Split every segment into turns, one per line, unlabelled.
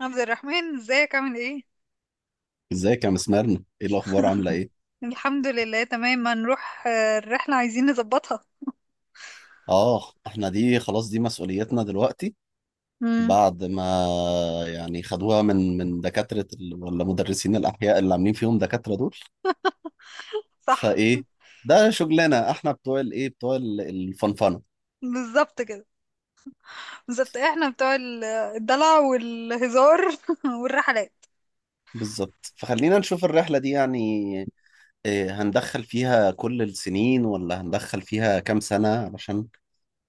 عبد الرحمن ازيك عامل ايه؟
ازيك يا مسمارنا، ايه الاخبار؟ عامله ايه؟
الحمد لله تمام. هنروح، الرحلة عايزين نظبطها.
اه احنا دي خلاص، دي مسؤوليتنا دلوقتي
امم.
بعد ما يعني خدوها من دكاتره ولا مدرسين الاحياء اللي عاملين فيهم دكاتره دول.
صح،
فايه، ده شغلنا احنا بتوع الفنفنه.
بالظبط كده. بالظبط احنا بتوع الدلع والهزار والرحلات.
بالظبط، فخلينا نشوف الرحله دي يعني إيه، هندخل فيها كل السنين ولا هندخل فيها كام سنه؟ علشان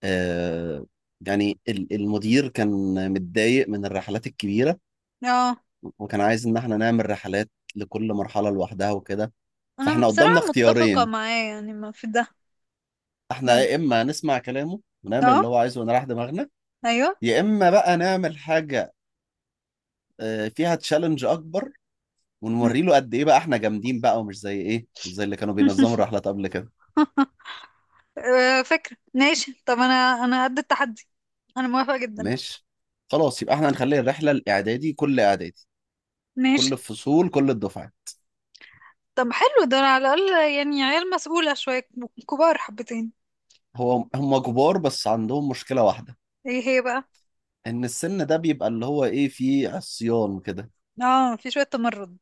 آه يعني المدير كان متضايق من الرحلات الكبيره،
اه،
وكان عايز ان احنا نعمل رحلات لكل مرحلة لوحدها وكده.
انا
فاحنا قدامنا
بصراحة متفقة
اختيارين:
معاه، يعني ما في ده.
احنا
ده-
يا اما نسمع كلامه ونعمل
اه،
اللي هو عايزه ونريح دماغنا،
ايوه.
يا اما بقى نعمل حاجة فيها تشالنج اكبر ونوري له قد ايه بقى احنا جامدين، بقى ومش زي ايه، مش زي اللي كانوا بينظموا الرحلات قبل كده.
فكرة، ماشي. طب انا قد التحدي، انا موافقة جدا.
ماشي، خلاص يبقى احنا هنخلي الرحلة الاعدادي، كل اعدادي، كل
ماشي.
الفصول، كل الدفعات.
طب حلو ده، على الاقل يعني عيال مسؤولة شوية، كبار حبتين.
هو هم كبار بس عندهم مشكلة واحدة:
ايه هي بقى؟
ان السن ده بيبقى اللي هو ايه فيه عصيان كده،
اه، في شوية تمرد.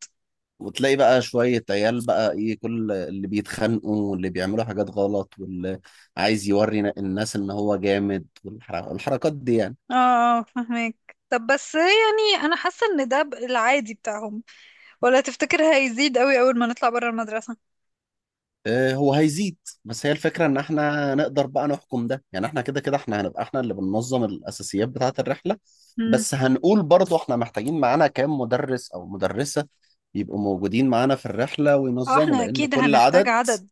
وتلاقي بقى شوية عيال بقى ايه كل اللي بيتخانقوا واللي بيعملوا حاجات غلط واللي عايز يوري الناس ان هو جامد، والحركات دي يعني.
اه اه فهمك. طب بس يعني انا حاسه ان ده العادي بتاعهم، ولا تفتكر هيزيد قوي اول ما نطلع بره المدرسه؟
هو هيزيد، بس هي الفكرة ان احنا نقدر بقى نحكم ده. يعني احنا كده كده احنا هنبقى احنا اللي بننظم الاساسيات بتاعة الرحلة.
امم.
بس هنقول برضو احنا محتاجين معانا كام مدرس او مدرسة يبقوا موجودين معانا في الرحلة
اه،
وينظموا،
احنا
لان
اكيد
كل
هنحتاج
عدد
عدد.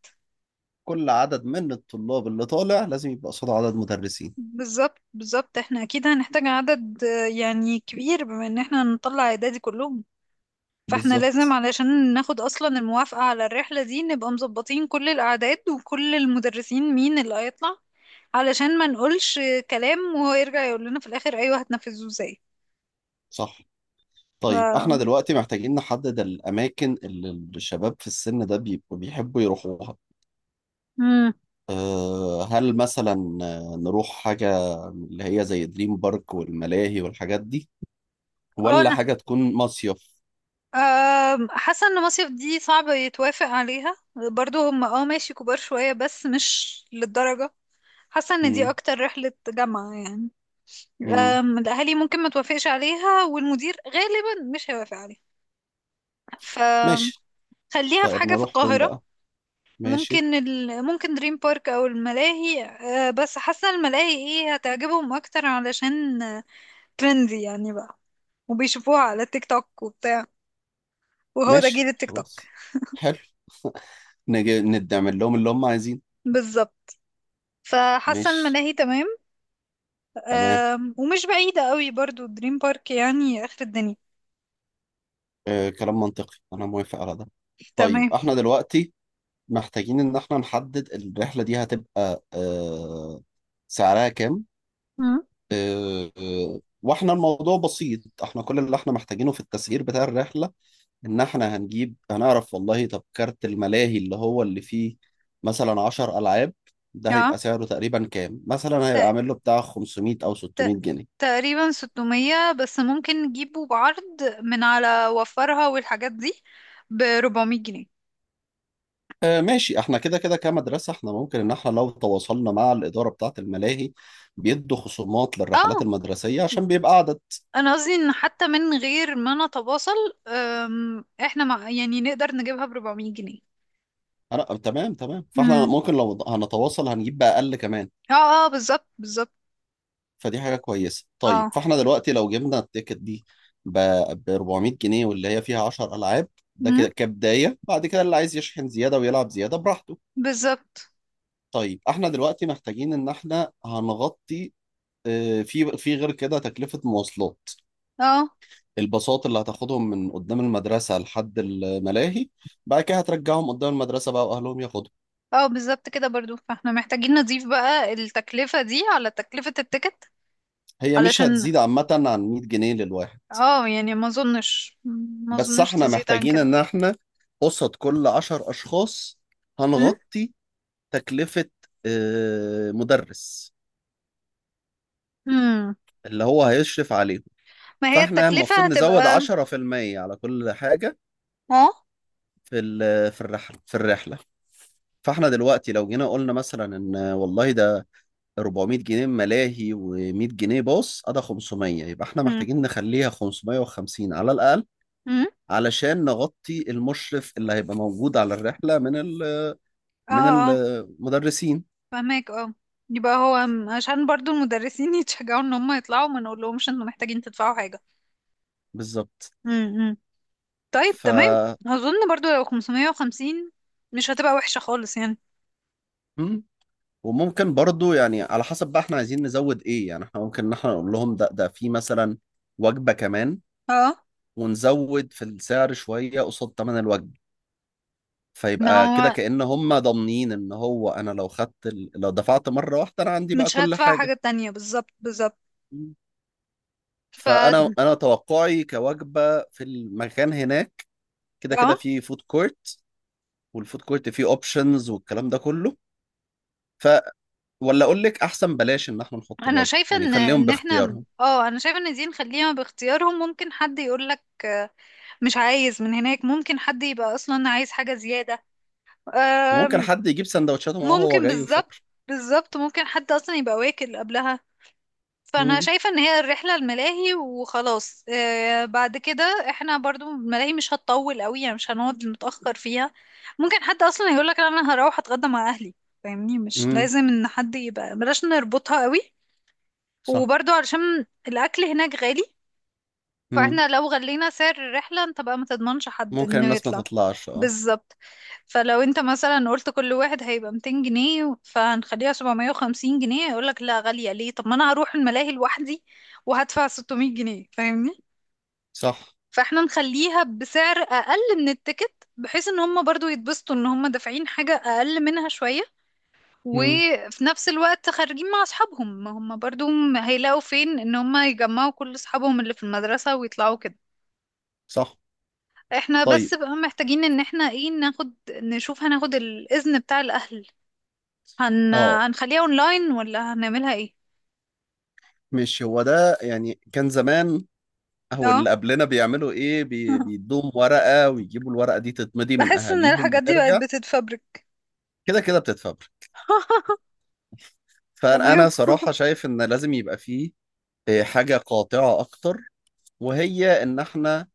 كل عدد من الطلاب اللي طالع لازم يبقى قصاده عدد مدرسين.
بالظبط بالظبط، احنا اكيد هنحتاج عدد يعني كبير، بما ان احنا هنطلع اعدادي كلهم. فاحنا لازم
بالظبط،
علشان ناخد اصلا الموافقه على الرحله دي، نبقى مظبطين كل الاعداد وكل المدرسين مين اللي هيطلع، علشان ما نقولش كلام وهو يرجع يقول لنا في الاخر ايوه هتنفذوه ازاي.
صح.
ف...
طيب احنا دلوقتي محتاجين نحدد الاماكن اللي الشباب في السن ده بيبقوا بيحبوا يروحوها.
مم.
أه، هل مثلا نروح حاجة اللي هي زي دريم بارك والملاهي والحاجات دي،
اه،
ولا
انا
حاجة تكون مصيف؟
حاسة ان مصيف دي صعب يتوافق عليها. برضو هم، ماشي كبار شوية بس مش للدرجة. حاسة ان دي
مم.
اكتر رحلة جامعة يعني.
مم.
الاهالي ممكن ما توافقش عليها، والمدير غالبا مش هيوافق عليها،
ماشي.
فخليها في حاجة في
فنروح فين
القاهرة.
بقى؟ ماشي.
ممكن دريم بارك او الملاهي. بس حاسة الملاهي هتعجبهم اكتر، علشان ترندي يعني بقى، وبيشوفوها على التيك توك وبتاع، وهو ده جيل
ماشي،
التيك توك.
خلاص، حلو. نجي نعمل لهم اللي هم عايزينه.
بالظبط. فحاسة
ماشي.
الملاهي تمام.
تمام.
ومش بعيدة قوي برضو، دريم بارك يعني آخر الدنيا.
أه، كلام منطقي، انا موافق على ده. طيب
تمام.
احنا دلوقتي محتاجين إن إحنا نحدد الرحلة دي هتبقى سعرها كام.
مم.
وإحنا الموضوع بسيط، إحنا كل اللي إحنا محتاجينه في التسعير بتاع الرحلة إن إحنا هنجيب هنعرف والله طب كارت الملاهي اللي هو اللي فيه مثلا 10 ألعاب، ده هيبقى
اه،
سعره تقريبا كام؟ مثلا هيبقى
ت-
عامل له بتاع 500 أو
ت-
600 جنيه.
تقريبا 600، بس ممكن نجيبه بعرض من على وفرها والحاجات دي ب 400 جنيه.
ماشي، احنا كده كده كمدرسة احنا ممكن ان احنا لو تواصلنا مع الإدارة بتاعة الملاهي بيدوا خصومات للرحلات
اه،
المدرسية عشان بيبقى عدد.
انا قصدي ان حتى من غير ما نتواصل، احنا مع يعني نقدر نجيبها ب 400 جنيه.
انا تمام تمام، فاحنا
مم.
ممكن لو هنتواصل هنجيب بأقل كمان.
اه، اه بالظبط بالظبط.
فدي حاجة كويسة. طيب
اه،
فاحنا دلوقتي لو جبنا التيكت دي ب ب 400 جنيه واللي هي فيها 10 ألعاب، ده
مم،
كده كبداية، بعد كده اللي عايز يشحن زيادة ويلعب زيادة براحته.
بالظبط.
طيب احنا دلوقتي محتاجين ان احنا هنغطي في غير كده تكلفة مواصلات،
اه
الباصات اللي هتاخدهم من قدام المدرسة لحد الملاهي، بعد كده هترجعهم قدام المدرسة بقى وأهلهم ياخدهم.
اه بالظبط كده برضو، فاحنا محتاجين نضيف بقى التكلفة دي على تكلفة التيكت
هي مش
علشان.
هتزيد عامة عن 100 جنيه للواحد.
اه، يعني ما
بس
اظنش
احنا
تزيد عن
محتاجين
كده.
ان احنا قصاد كل عشر اشخاص
مم؟
هنغطي تكلفة مدرس
مم.
اللي هو هيشرف عليهم.
ما هي
فاحنا
التكلفة
المفروض نزود
هتبقى.
10% على كل حاجة
اه.
في الرحلة. فاحنا دلوقتي لو جينا قلنا مثلا ان والله ده 400 جنيه ملاهي و100 جنيه باص ادي 500، يبقى احنا
مم.
محتاجين نخليها 550 على الاقل
مم.
علشان نغطي المشرف اللي هيبقى موجود على الرحلة من
اه
من
اه
المدرسين.
فهماك. اه، يبقى هو عشان برضو المدرسين يتشجعوا ان هم يطلعوا، ما نقولهمش انتوا محتاجين تدفعوا حاجة.
بالظبط.
مم. مم. طيب
ف...
تمام. اظن برضو لو 550 مش هتبقى وحشة خالص يعني.
مم. وممكن برضو يعني على حسب بقى احنا عايزين نزود ايه. يعني احنا ممكن ان احنا نقول لهم ده في مثلا وجبة كمان
اه،
ونزود في السعر شوية قصاد تمن الوجبة،
ما
فيبقى كده
هو
كأن هم ضامنين ان هو انا لو لو دفعت مرة واحدة انا عندي بقى
مش
كل
هدفع حاجة
حاجة.
تانية، بالظبط بالظبط.
مم.
ف
فانا توقعي كوجبه في المكان هناك، كده
اه،
كده في فود كورت، والفود كورت فيه اوبشنز والكلام ده كله. ولا اقول لك احسن بلاش ان احنا نحط
انا
الوجبه،
شايفه
يعني
ان
خليهم
احنا
باختيارهم.
اه انا شايفه ان دي نخليها باختيارهم. ممكن حد يقول لك مش عايز من هناك، ممكن حد يبقى اصلا عايز حاجه زياده.
وممكن
آم،
حد يجيب سندوتشاته معاه وهو
ممكن،
جاي
بالظبط
وشكرا.
بالظبط. ممكن حد اصلا يبقى واكل قبلها، فانا
امم.
شايفه ان هي الرحله الملاهي وخلاص. بعد كده احنا برضو الملاهي مش هتطول قوي يعني، مش هنقعد متاخر فيها. ممكن حد اصلا يقول لك انا هروح اتغدى مع اهلي، فاهمني؟ مش
امم.
لازم ان حد يبقى، بلاش نربطها قوي.
صح.
وبرضو علشان الأكل هناك غالي،
امم.
فاحنا لو غلينا سعر الرحلة انت بقى ما تضمنش حد
ممكن
انه
الناس ما
يطلع.
تطلعش، اه.
بالظبط. فلو انت مثلا قلت كل واحد هيبقى 200 جنيه فهنخليها 750 جنيه، يقولك لا غالية ليه، طب ما انا هروح الملاهي لوحدي وهدفع 600 جنيه، فاهمني؟
صح.
فاحنا نخليها بسعر اقل من التيكت، بحيث ان هم برضو يتبسطوا ان هم دافعين حاجة اقل منها شوية،
امم.
وفي نفس الوقت خارجين مع اصحابهم. ما هم برضو هيلاقوا فين ان هم يجمعوا كل اصحابهم اللي في المدرسة ويطلعوا كده.
صح.
احنا
طيب
بس بقى محتاجين ان احنا ايه، ناخد نشوف هناخد الاذن بتاع الاهل.
اه،
هنخليها اونلاين، ولا هنعملها ايه؟
مش هو ده يعني كان زمان او اللي
اه.
قبلنا بيعملوا ايه بيدوم ورقه ويجيبوا الورقه دي تتمضي من
بحس ان
اهاليهم
الحاجات دي بقت
وترجع.
بتتفبرك.
كده كده بتتفبرك.
تمام.
فانا صراحه شايف ان لازم يبقى فيه حاجه قاطعه اكتر، وهي ان احنا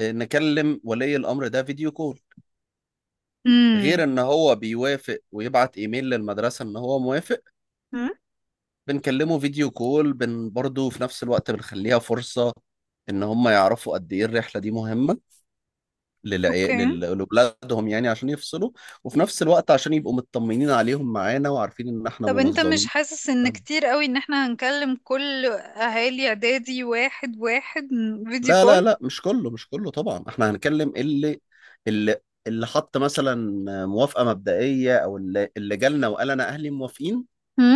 نكلم ولي الأمر ده فيديو كول،
امم.
غير ان هو بيوافق ويبعت ايميل للمدرسة ان هو موافق.
مم؟
بنكلمه فيديو كول برضه في نفس الوقت بنخليها فرصة ان هم يعرفوا قد ايه الرحلة دي مهمة
اوكي.
لأولادهم، يعني عشان يفصلوا، وفي نفس الوقت عشان يبقوا مطمنين عليهم معانا وعارفين ان احنا
طب انت مش
منظمين.
حاسس ان كتير قوي ان احنا هنكلم كل اهالي اعدادي واحد واحد فيديو
لا لا
كول؟
لا، مش كله مش كله طبعا. احنا هنكلم اللي اللي حط مثلا موافقة مبدئية او اللي جالنا وقال انا اهلي موافقين.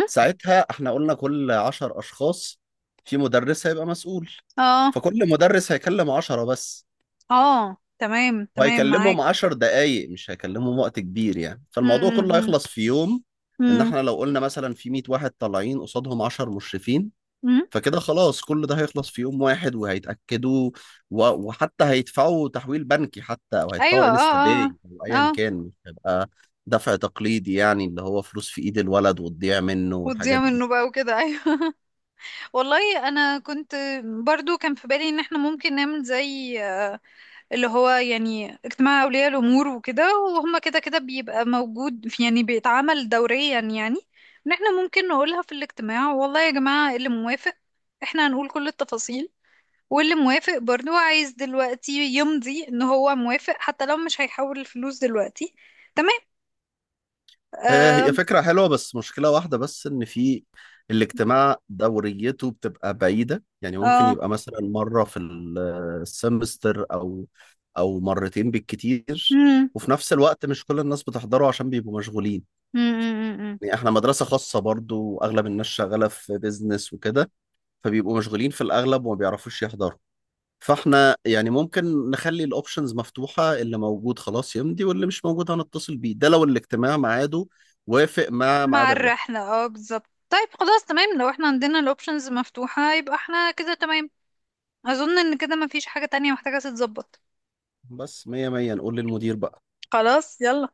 ساعتها احنا قلنا كل عشر اشخاص في مدرس هيبقى مسؤول.
اه
فكل مدرس هيكلم عشرة بس
اه، تمام تمام،
وهيكلمهم
معاك.
10 دقايق، مش هيكلمهم وقت كبير يعني. فالموضوع كله
امم.
هيخلص في يوم. ان
امم.
احنا لو قلنا مثلا في 100 واحد طالعين قصادهم 10 مشرفين،
امم.
فكده خلاص كل ده هيخلص في يوم واحد. وهيتأكدوا و- وحتى هيدفعوا تحويل بنكي حتى او
ايوه،
هيدفعوا
اه،
انستا
اه،
باي او
اه
ايا
آه.
كان، مش هيبقى دفع تقليدي يعني اللي هو فلوس في ايد الولد وتضيع منه
وتضيع
والحاجات دي.
منه بقى وكده، ايوه. والله انا كنت برضو كان في بالي ان احنا ممكن نعمل زي، اللي هو يعني اجتماع اولياء الامور وكده، وهم كده كده بيبقى موجود، يعني بيتعمل دوريا يعني. ان احنا ممكن نقولها في الاجتماع، والله يا جماعة إيه اللي موافق، احنا هنقول كل التفاصيل، واللي موافق برضو عايز دلوقتي يمضي ان هو موافق، حتى لو مش هيحول الفلوس دلوقتي. تمام. اه.
هي فكرة حلوة بس مشكلة واحدة بس، إن في الاجتماع دوريته بتبقى بعيدة. يعني ممكن
اه،
يبقى مثلا مرة في السمستر أو مرتين بالكتير.
مم.
وفي نفس الوقت مش كل الناس بتحضره عشان بيبقوا مشغولين.
مم، مم، مم.
يعني إحنا مدرسة خاصة برضو وأغلب الناس شغالة في بيزنس وكده. فبيبقوا مشغولين في الأغلب وما بيعرفوش يحضروا. فاحنا يعني ممكن نخلي الاوبشنز مفتوحة، اللي موجود خلاص يمضي، واللي مش موجود هنتصل بيه، ده لو الاجتماع ميعاده وافق مع ميعاد
مع
الرحلة.
الرحلة، اه بالظبط. طيب خلاص تمام، لو احنا عندنا الاوبشنز مفتوحة، يبقى احنا كده تمام. اظن ان كده مفيش حاجة تانية محتاجة تتظبط.
بس مية مية، نقول للمدير بقى.
خلاص يلا.